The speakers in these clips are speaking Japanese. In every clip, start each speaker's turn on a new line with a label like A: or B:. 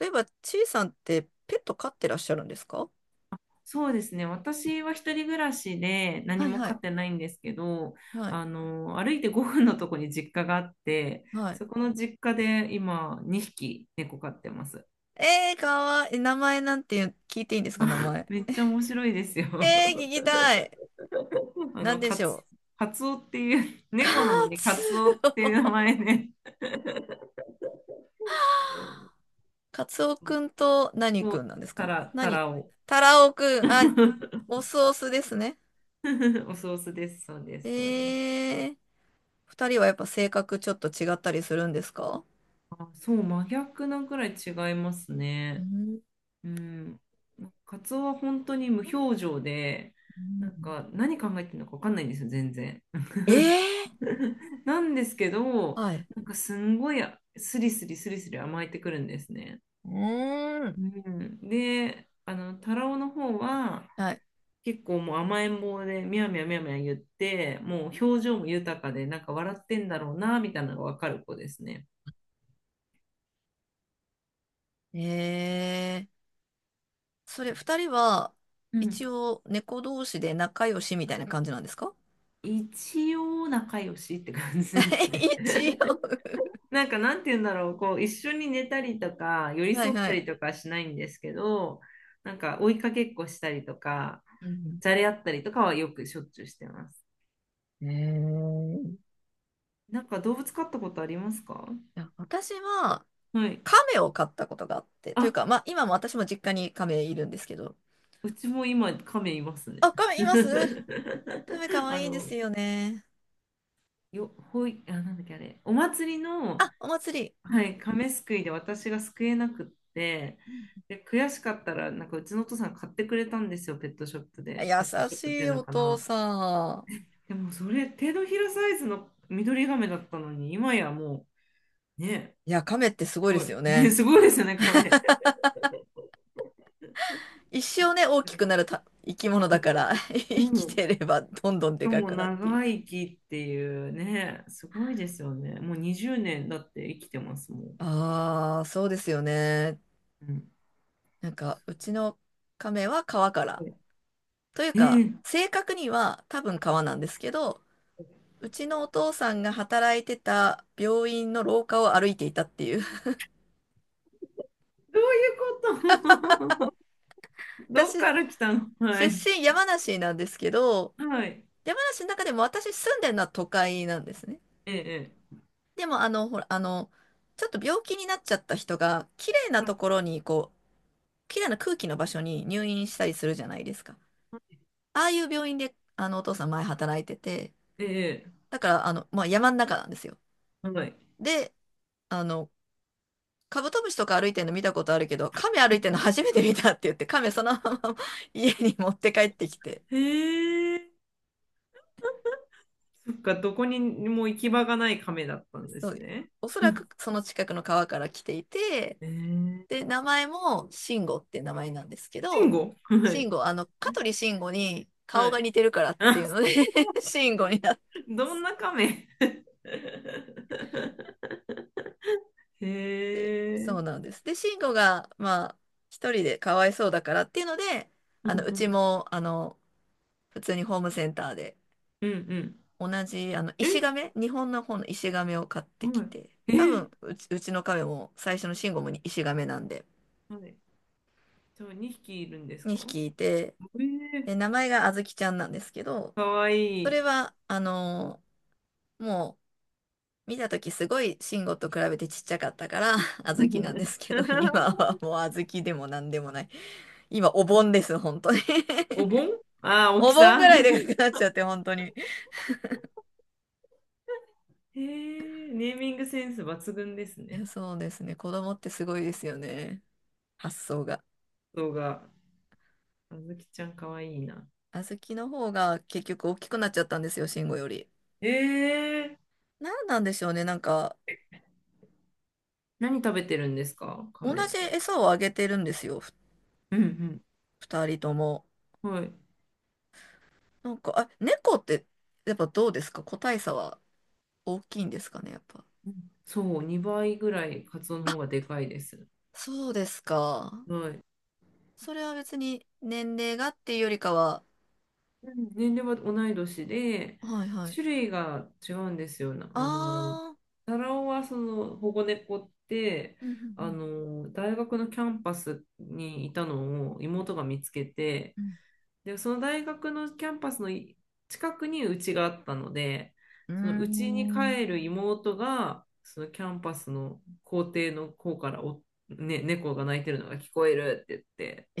A: 例えば、ちいさんってペット飼ってらっしゃるんですか？
B: そうですね。私は一人暮らしで何
A: はい
B: も
A: は
B: 飼
A: い。
B: ってないんですけど、
A: はい。
B: 歩いて5分のとこに実家があって、
A: はい。
B: そこの実家で今2匹猫飼ってます。
A: えー、かわいい。名前なんていう聞いていいんですか、名 前。
B: めっちゃ面白いですよ。
A: えー、聞きたい。
B: あ
A: なん
B: の、
A: で
B: カ
A: し
B: ツ、
A: ょう。
B: カツオっていう、
A: カ
B: 猫なのにカ
A: ツ
B: ツオっ ていう名前で、
A: カツオ
B: そう
A: くんと何
B: そ
A: く
B: う
A: んなんですか？
B: タ
A: 何
B: ラを。
A: タラオくん。あ、オスオスですね。
B: おソースです。そうで
A: え
B: す。そうです。
A: ー、二人はやっぱ性格ちょっと違ったりするんですか？
B: あ、そう、真逆なくらい違います
A: う
B: ね。
A: ん。
B: うん、カツオは本当に無表情で、
A: う
B: なん
A: ん。
B: か何考えてるのか分かんないんですよ、全然。
A: えー、
B: なんですけど、
A: はい。
B: なんかすんごいスリスリスリスリ甘えてくるんですね。
A: うーん。
B: うん、で、タラオの方は
A: はい。
B: 結構もう甘えん坊で、みやみやみやみや言って、もう表情も豊かで、なんか笑ってんだろうな、みたいなのが分かる子ですね。
A: えー。それ、二人は、
B: うん、
A: 一応、猫同士で仲良しみたいな感じなんですか？
B: 一応仲良しって感じです ね。
A: 一応。
B: なんかなんて言うんだろう、こう一緒に寝たりとか寄り
A: はい
B: 添っ
A: は
B: た
A: い。
B: りとかはしないんですけど、なんか追いかけっこしたりとか、
A: うん。
B: じゃれ合ったりとかはよくしょっちゅうしてます。
A: ええ。
B: なんか動物飼ったことありますか？
A: いや私は、
B: はい。
A: 亀を飼ったことがあって、という
B: あ、
A: か、まあ、今も私も実家に亀いるんですけど。
B: うちも今亀いますね。
A: あ、亀います。 亀かわ
B: あ
A: いいで
B: の、
A: すよね。
B: よ、ほい、あ、なんだっけあれ、お祭りの、
A: あ、お祭り。う
B: は
A: ん
B: い、亀すくいで私が救えなくって、
A: うん。
B: で、悔しかったら、なんかうちのお父さん買ってくれたんですよ、ペットショップで。ペット
A: 優
B: ショッ
A: し
B: プってい
A: い
B: うの
A: お
B: か
A: 父
B: な。
A: さん。
B: でもそれ、手のひらサイズの緑ガメだったのに、今やもう、ね、
A: いや、亀ってす
B: す
A: ごいで
B: ご
A: す
B: い。
A: よ
B: ね、
A: ね。
B: すごいですよね、ガメ。
A: 一生ね、大きくなるた生き物だから、生
B: うん。う
A: き
B: ん
A: てればどんどんで
B: し
A: か
B: も
A: くなってい
B: 長
A: く。
B: 生きっていうね、すごいですよね。もう20年だって生きてますもん。
A: ああ、そうですよね。
B: うん。
A: なんか、
B: す
A: うちの亀は川か
B: ご
A: ら。
B: い。
A: という
B: え
A: か、
B: ー
A: 正確には多分川なんですけど、うちのお父さんが働いてた病院の廊下を歩いていたっていう。
B: どういうこと？ どっ
A: 私、
B: から来たの？は
A: 出
B: い。
A: 身山梨なんですけど、
B: はい。
A: 山梨の中でも私住んでるのは都会なんですね。
B: ええええ、
A: でも、あの、ちょっと病気になっちゃった人が、綺麗な
B: はい。
A: ところに、こう、綺麗な空気の場所に入院したりするじゃないですか。ああいう病院で、あの、お父さん前働いてて、
B: ええ、
A: だから、あの、まあ、山の中なんですよ。
B: はい。
A: で、あの、カブトムシとか歩いてるの見たことあるけど、カメ歩いてるの初めて見たって言って、カメそのまま 家に持って帰ってきて、
B: へえ、そっか、どこにも行き場がない亀だったんで
A: そ
B: す
A: う、
B: ね。
A: おそらくその近くの川から来ていて、
B: えー、
A: で、名前もシンゴって名前なんですけ
B: 慎
A: ど、
B: 吾。 は
A: シン
B: い。
A: ゴ、あの、香取慎吾に
B: は
A: 顔が
B: い。
A: 似てるからって
B: あ、
A: いうので シンゴになって、
B: どんな亀？ へ
A: そう
B: え。
A: なんです。で、シンゴが、まあ、一人でかわいそうだからっていうので、
B: う
A: あ
B: ん
A: の、う
B: う
A: ち
B: ん。
A: も、あの、普通にホームセンターで、
B: うんうん。
A: 同じ、あの、石
B: え、
A: 亀、日本の方の石亀を買ってき
B: は
A: て、
B: い。え
A: 多
B: ー、
A: 分、うちの亀も最初の慎吾もに石亀なんで、
B: はい。じゃあ2匹いるんですか？
A: 2匹いて、
B: えー、
A: で、名前があずきちゃんなんですけど、
B: かわい
A: それ
B: い。
A: は、あのーもう、見た時すごい慎吾と比べてちっちゃかったから、あずきなんですけど、今は もうあずきでもなんでもない。今、お盆です、本当に。
B: お盆。ああ ー、大
A: お
B: き
A: 盆
B: さ。
A: ぐらい でかくなっちゃって、本当に。
B: へえ、ネーミングセンス抜群です
A: い
B: ね。
A: やそうですね。子供ってすごいですよね。発想が。
B: 動画。あずきちゃんかわいいな。
A: 小豆の方が結局大きくなっちゃったんですよ、慎吾より。
B: え、
A: なんなんでしょうね、なんか、
B: 何食べてるんですか、
A: 同
B: 亀
A: じ
B: は。
A: 餌をあげてるんですよ、
B: うん
A: 二人とも。
B: うん、はい。
A: なんか、あ、猫って、やっぱどうですか個体差は大きいんですかね、やっぱ。
B: うん、そう、2倍ぐらいカツオの方がでかいです。
A: そうですか。
B: はい。
A: それは別に年齢がっていうよりかは、
B: うん、年齢は同い年で、
A: はいはい。
B: 種類が違うんですよ。なあの、
A: あー、
B: タラオはその保護猫って、
A: うん
B: 大学のキャンパスにいたのを妹が見つけて、で、その大学のキャンパスの近くにうちがあったので、
A: うん
B: そのうちに
A: うん。う
B: 帰る妹が、そのキャンパスの校庭の方から猫が鳴いてるのが聞こえるって言って、
A: ー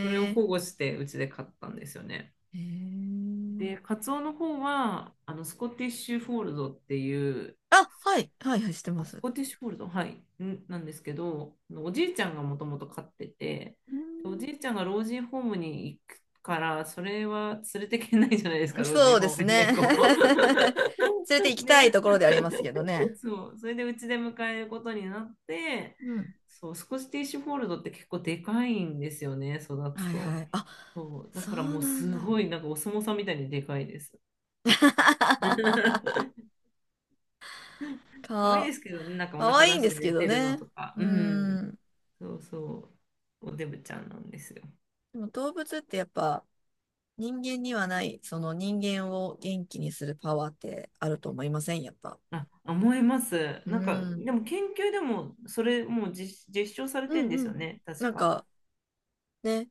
B: それを保
A: え
B: 護してうちで飼ったんですよね。
A: ー、えー。
B: で、カツオの方は、スコティッシュフォールドっていう、
A: あ、はい、はいはい、してま
B: あ、ス
A: す。う
B: コティッシュフォールド、はい、なんですけど、あのおじいちゃんがもともと飼ってて、
A: ー
B: でおじ
A: ん、
B: いちゃんが老人ホームに行くから、それは連れてけないじゃないですか、老
A: そ
B: 人
A: うで
B: ホー
A: す
B: ムに
A: ね。
B: 猫。
A: 連れて行 きた
B: で、
A: い
B: ね、
A: ところでありますけどね。
B: そう、それでうちで迎えることになって、
A: うん。
B: そう、スコティッシュフォールドって結構でかいんですよね、育つ
A: はいは
B: と。
A: い。あ、
B: そう、だ
A: そ
B: から
A: う
B: もう
A: なん
B: す
A: だ。
B: ごい、なんかお相撲さんみたいにでかいです。可愛い
A: か、
B: ですけどね、なんかお
A: かわ
B: 腹
A: いい
B: 出
A: ん
B: し
A: で
B: て
A: すけ
B: 寝
A: ど
B: てるの
A: ね。
B: とか。
A: う
B: うん。
A: ん。
B: そうそう、おデブちゃんなんですよ。
A: でも動物ってやっぱ人間にはない、その人間を元気にするパワーってあると思いません？やっぱ。
B: あ、思います。
A: う
B: なんか、
A: ん。
B: でも研究でも、それもう実証され
A: う
B: てん
A: ん
B: です
A: う
B: よ
A: ん。
B: ね、確
A: なん
B: か。
A: かね、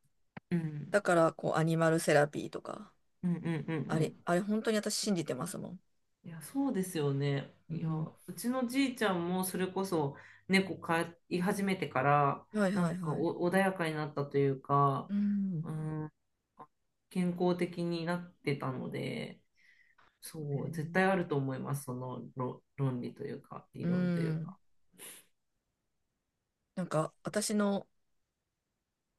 B: うん。
A: だからこうアニマルセラピーとか、
B: うんうんうんう
A: あれ、
B: ん。
A: あれ本当に私信じてますもん。
B: いや、そうですよね。
A: う
B: いや、
A: ん。
B: うちのじいちゃんもそれこそ猫飼い始めてから、
A: はい
B: な
A: はい
B: んか
A: はい。
B: お穏やかになったというか、
A: うん。
B: うん、健康的になってたので、そう、絶対あると思います、その論理というか、理
A: うん
B: 論とい
A: う
B: うか。
A: ん。なんか、私の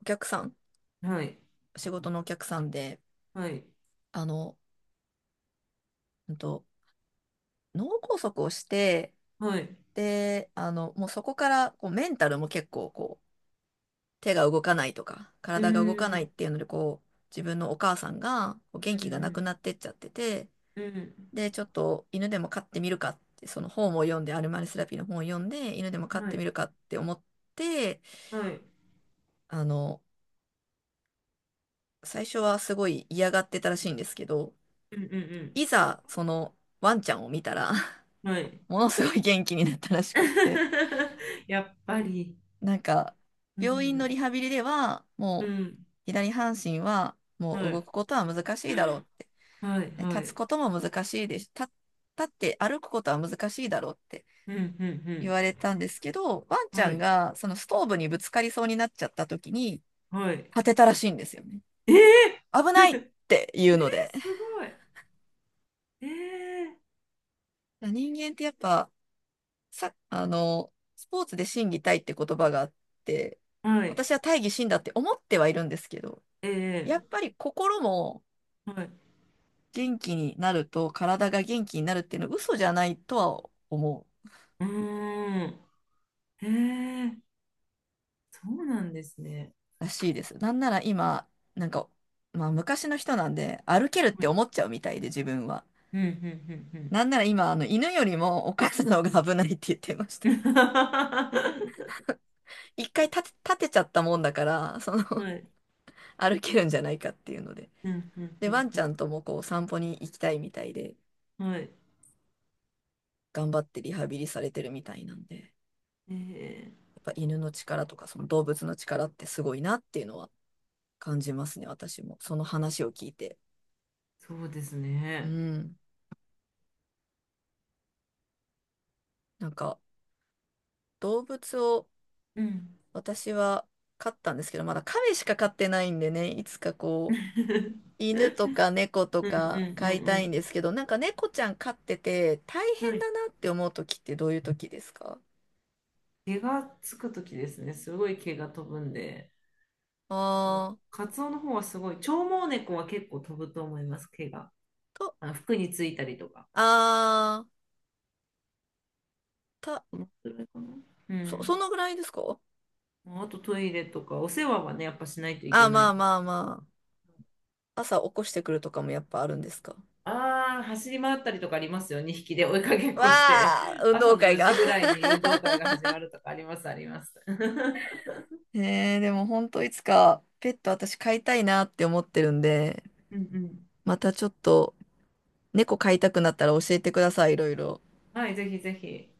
A: お客さん、
B: はい、
A: 仕事のお客さんで、
B: はい、
A: あの、うんと、脳梗塞をして、
B: はい。
A: で、あの、もうそこから、こう、メンタルも結構、こう、手が動かないとか、
B: う
A: 体が動かない
B: ん、
A: っていうので、こう、自分のお母さんが、こう
B: う
A: 元気がなく
B: ん、
A: なってっちゃってて、
B: うん、うん、
A: で、ちょっと犬でも飼ってみるかって、その本を読んで、アルマルセラピーの本を読んで、犬でも飼っ
B: は
A: てみ
B: い、
A: るかって思って、
B: はい、
A: あの、最初はすごい嫌がってたらしいんですけど、
B: うん、うん、
A: いざ、その、ワンちゃんを見たら
B: うん、はい。
A: ものすごい元気になったらしくって。
B: やっぱり、
A: なんか、
B: う
A: 病院
B: ん、
A: のリハビリでは、
B: う
A: もう、
B: ん、
A: 左半身は、も
B: は
A: う動く
B: い、
A: ことは難しいだろうって。
B: はい、
A: で
B: は
A: 立つ
B: い、
A: ことも難しいです。立って歩くことは難しいだろうって
B: うん、う
A: 言
B: ん、
A: われ
B: う
A: たんですけど、ワン
B: ん、
A: ちゃ
B: は
A: ん
B: い、
A: が、そのストーブにぶつかりそうになっちゃった時に、
B: はい。
A: 立てたらしいんですよね。
B: ええ。
A: 危ないっ ていうので。
B: すごい。ええ、
A: 人間ってやっぱ、さ、あの、スポーツで心技体って言葉があって、
B: はい、
A: 私は大義心だって思ってはいるんですけど、
B: え
A: やっ
B: え、
A: ぱり心も
B: はい。
A: 元気になると体が元気になるっていうのは嘘じゃないとは思う
B: うーん、ええ、そうなんですね。
A: らしいです。なんなら今、なんか、まあ昔の人なんで歩けるっ
B: は
A: て
B: い、
A: 思っちゃうみたいで自分は。
B: うん、う
A: なんなら今、あの犬よりもお母さんの方が危ないって言ってました。
B: ん、うん、うん。は
A: 一回立て、立てちゃったもんだから、その
B: い、
A: 歩けるんじゃないかっていうので。
B: うん、うん、
A: で、ワン
B: う
A: ちゃ
B: ん、
A: んともこう散歩に行きたいみたいで、
B: うん、はい、
A: 頑張ってリハビリされてるみたいなんで、や
B: ええ、
A: っぱ犬の力とかその動物の力ってすごいなっていうのは感じますね、私も。その話を聞いて。
B: そうです
A: う
B: ね。
A: ん。なんか、動物を
B: うん。
A: 私は飼ったんですけど、まだ亀しか飼ってないんでね、いつかこう、犬とか猫と
B: うんう
A: か飼い
B: んう
A: たいんで
B: ん
A: すけど、なんか猫ちゃん飼ってて大
B: うん。は
A: 変
B: い、
A: だなって思う時ってどういう時ですか？
B: 毛がつくときですね。すごい毛が飛ぶんで。
A: あ
B: カツオの方はすごい。長毛猫は結構飛ぶと思います、毛が。
A: ー、と、
B: あの服についたりとか。
A: あー、
B: このくらいかな。う
A: そ、
B: ん。
A: そのぐらいですか？
B: あとトイレとか、お世話はね、やっぱしないといけ
A: あ、
B: な
A: ま
B: い。
A: あまあまあ。朝起こしてくるとかもやっぱあるんですか？
B: ああ、走り回ったりとかありますよ。2匹で追いかけっ
A: わ
B: こして。
A: あ、運
B: 朝
A: 動
B: の
A: 会
B: 4
A: が。
B: 時ぐら いに運動会が始まるとかあります、あります。う
A: ねえでも本当いつかペット私飼いたいなって思ってるんで、
B: んうん。
A: またちょっと猫飼いたくなったら教えてください、いろいろ。
B: はい、ぜひぜひ。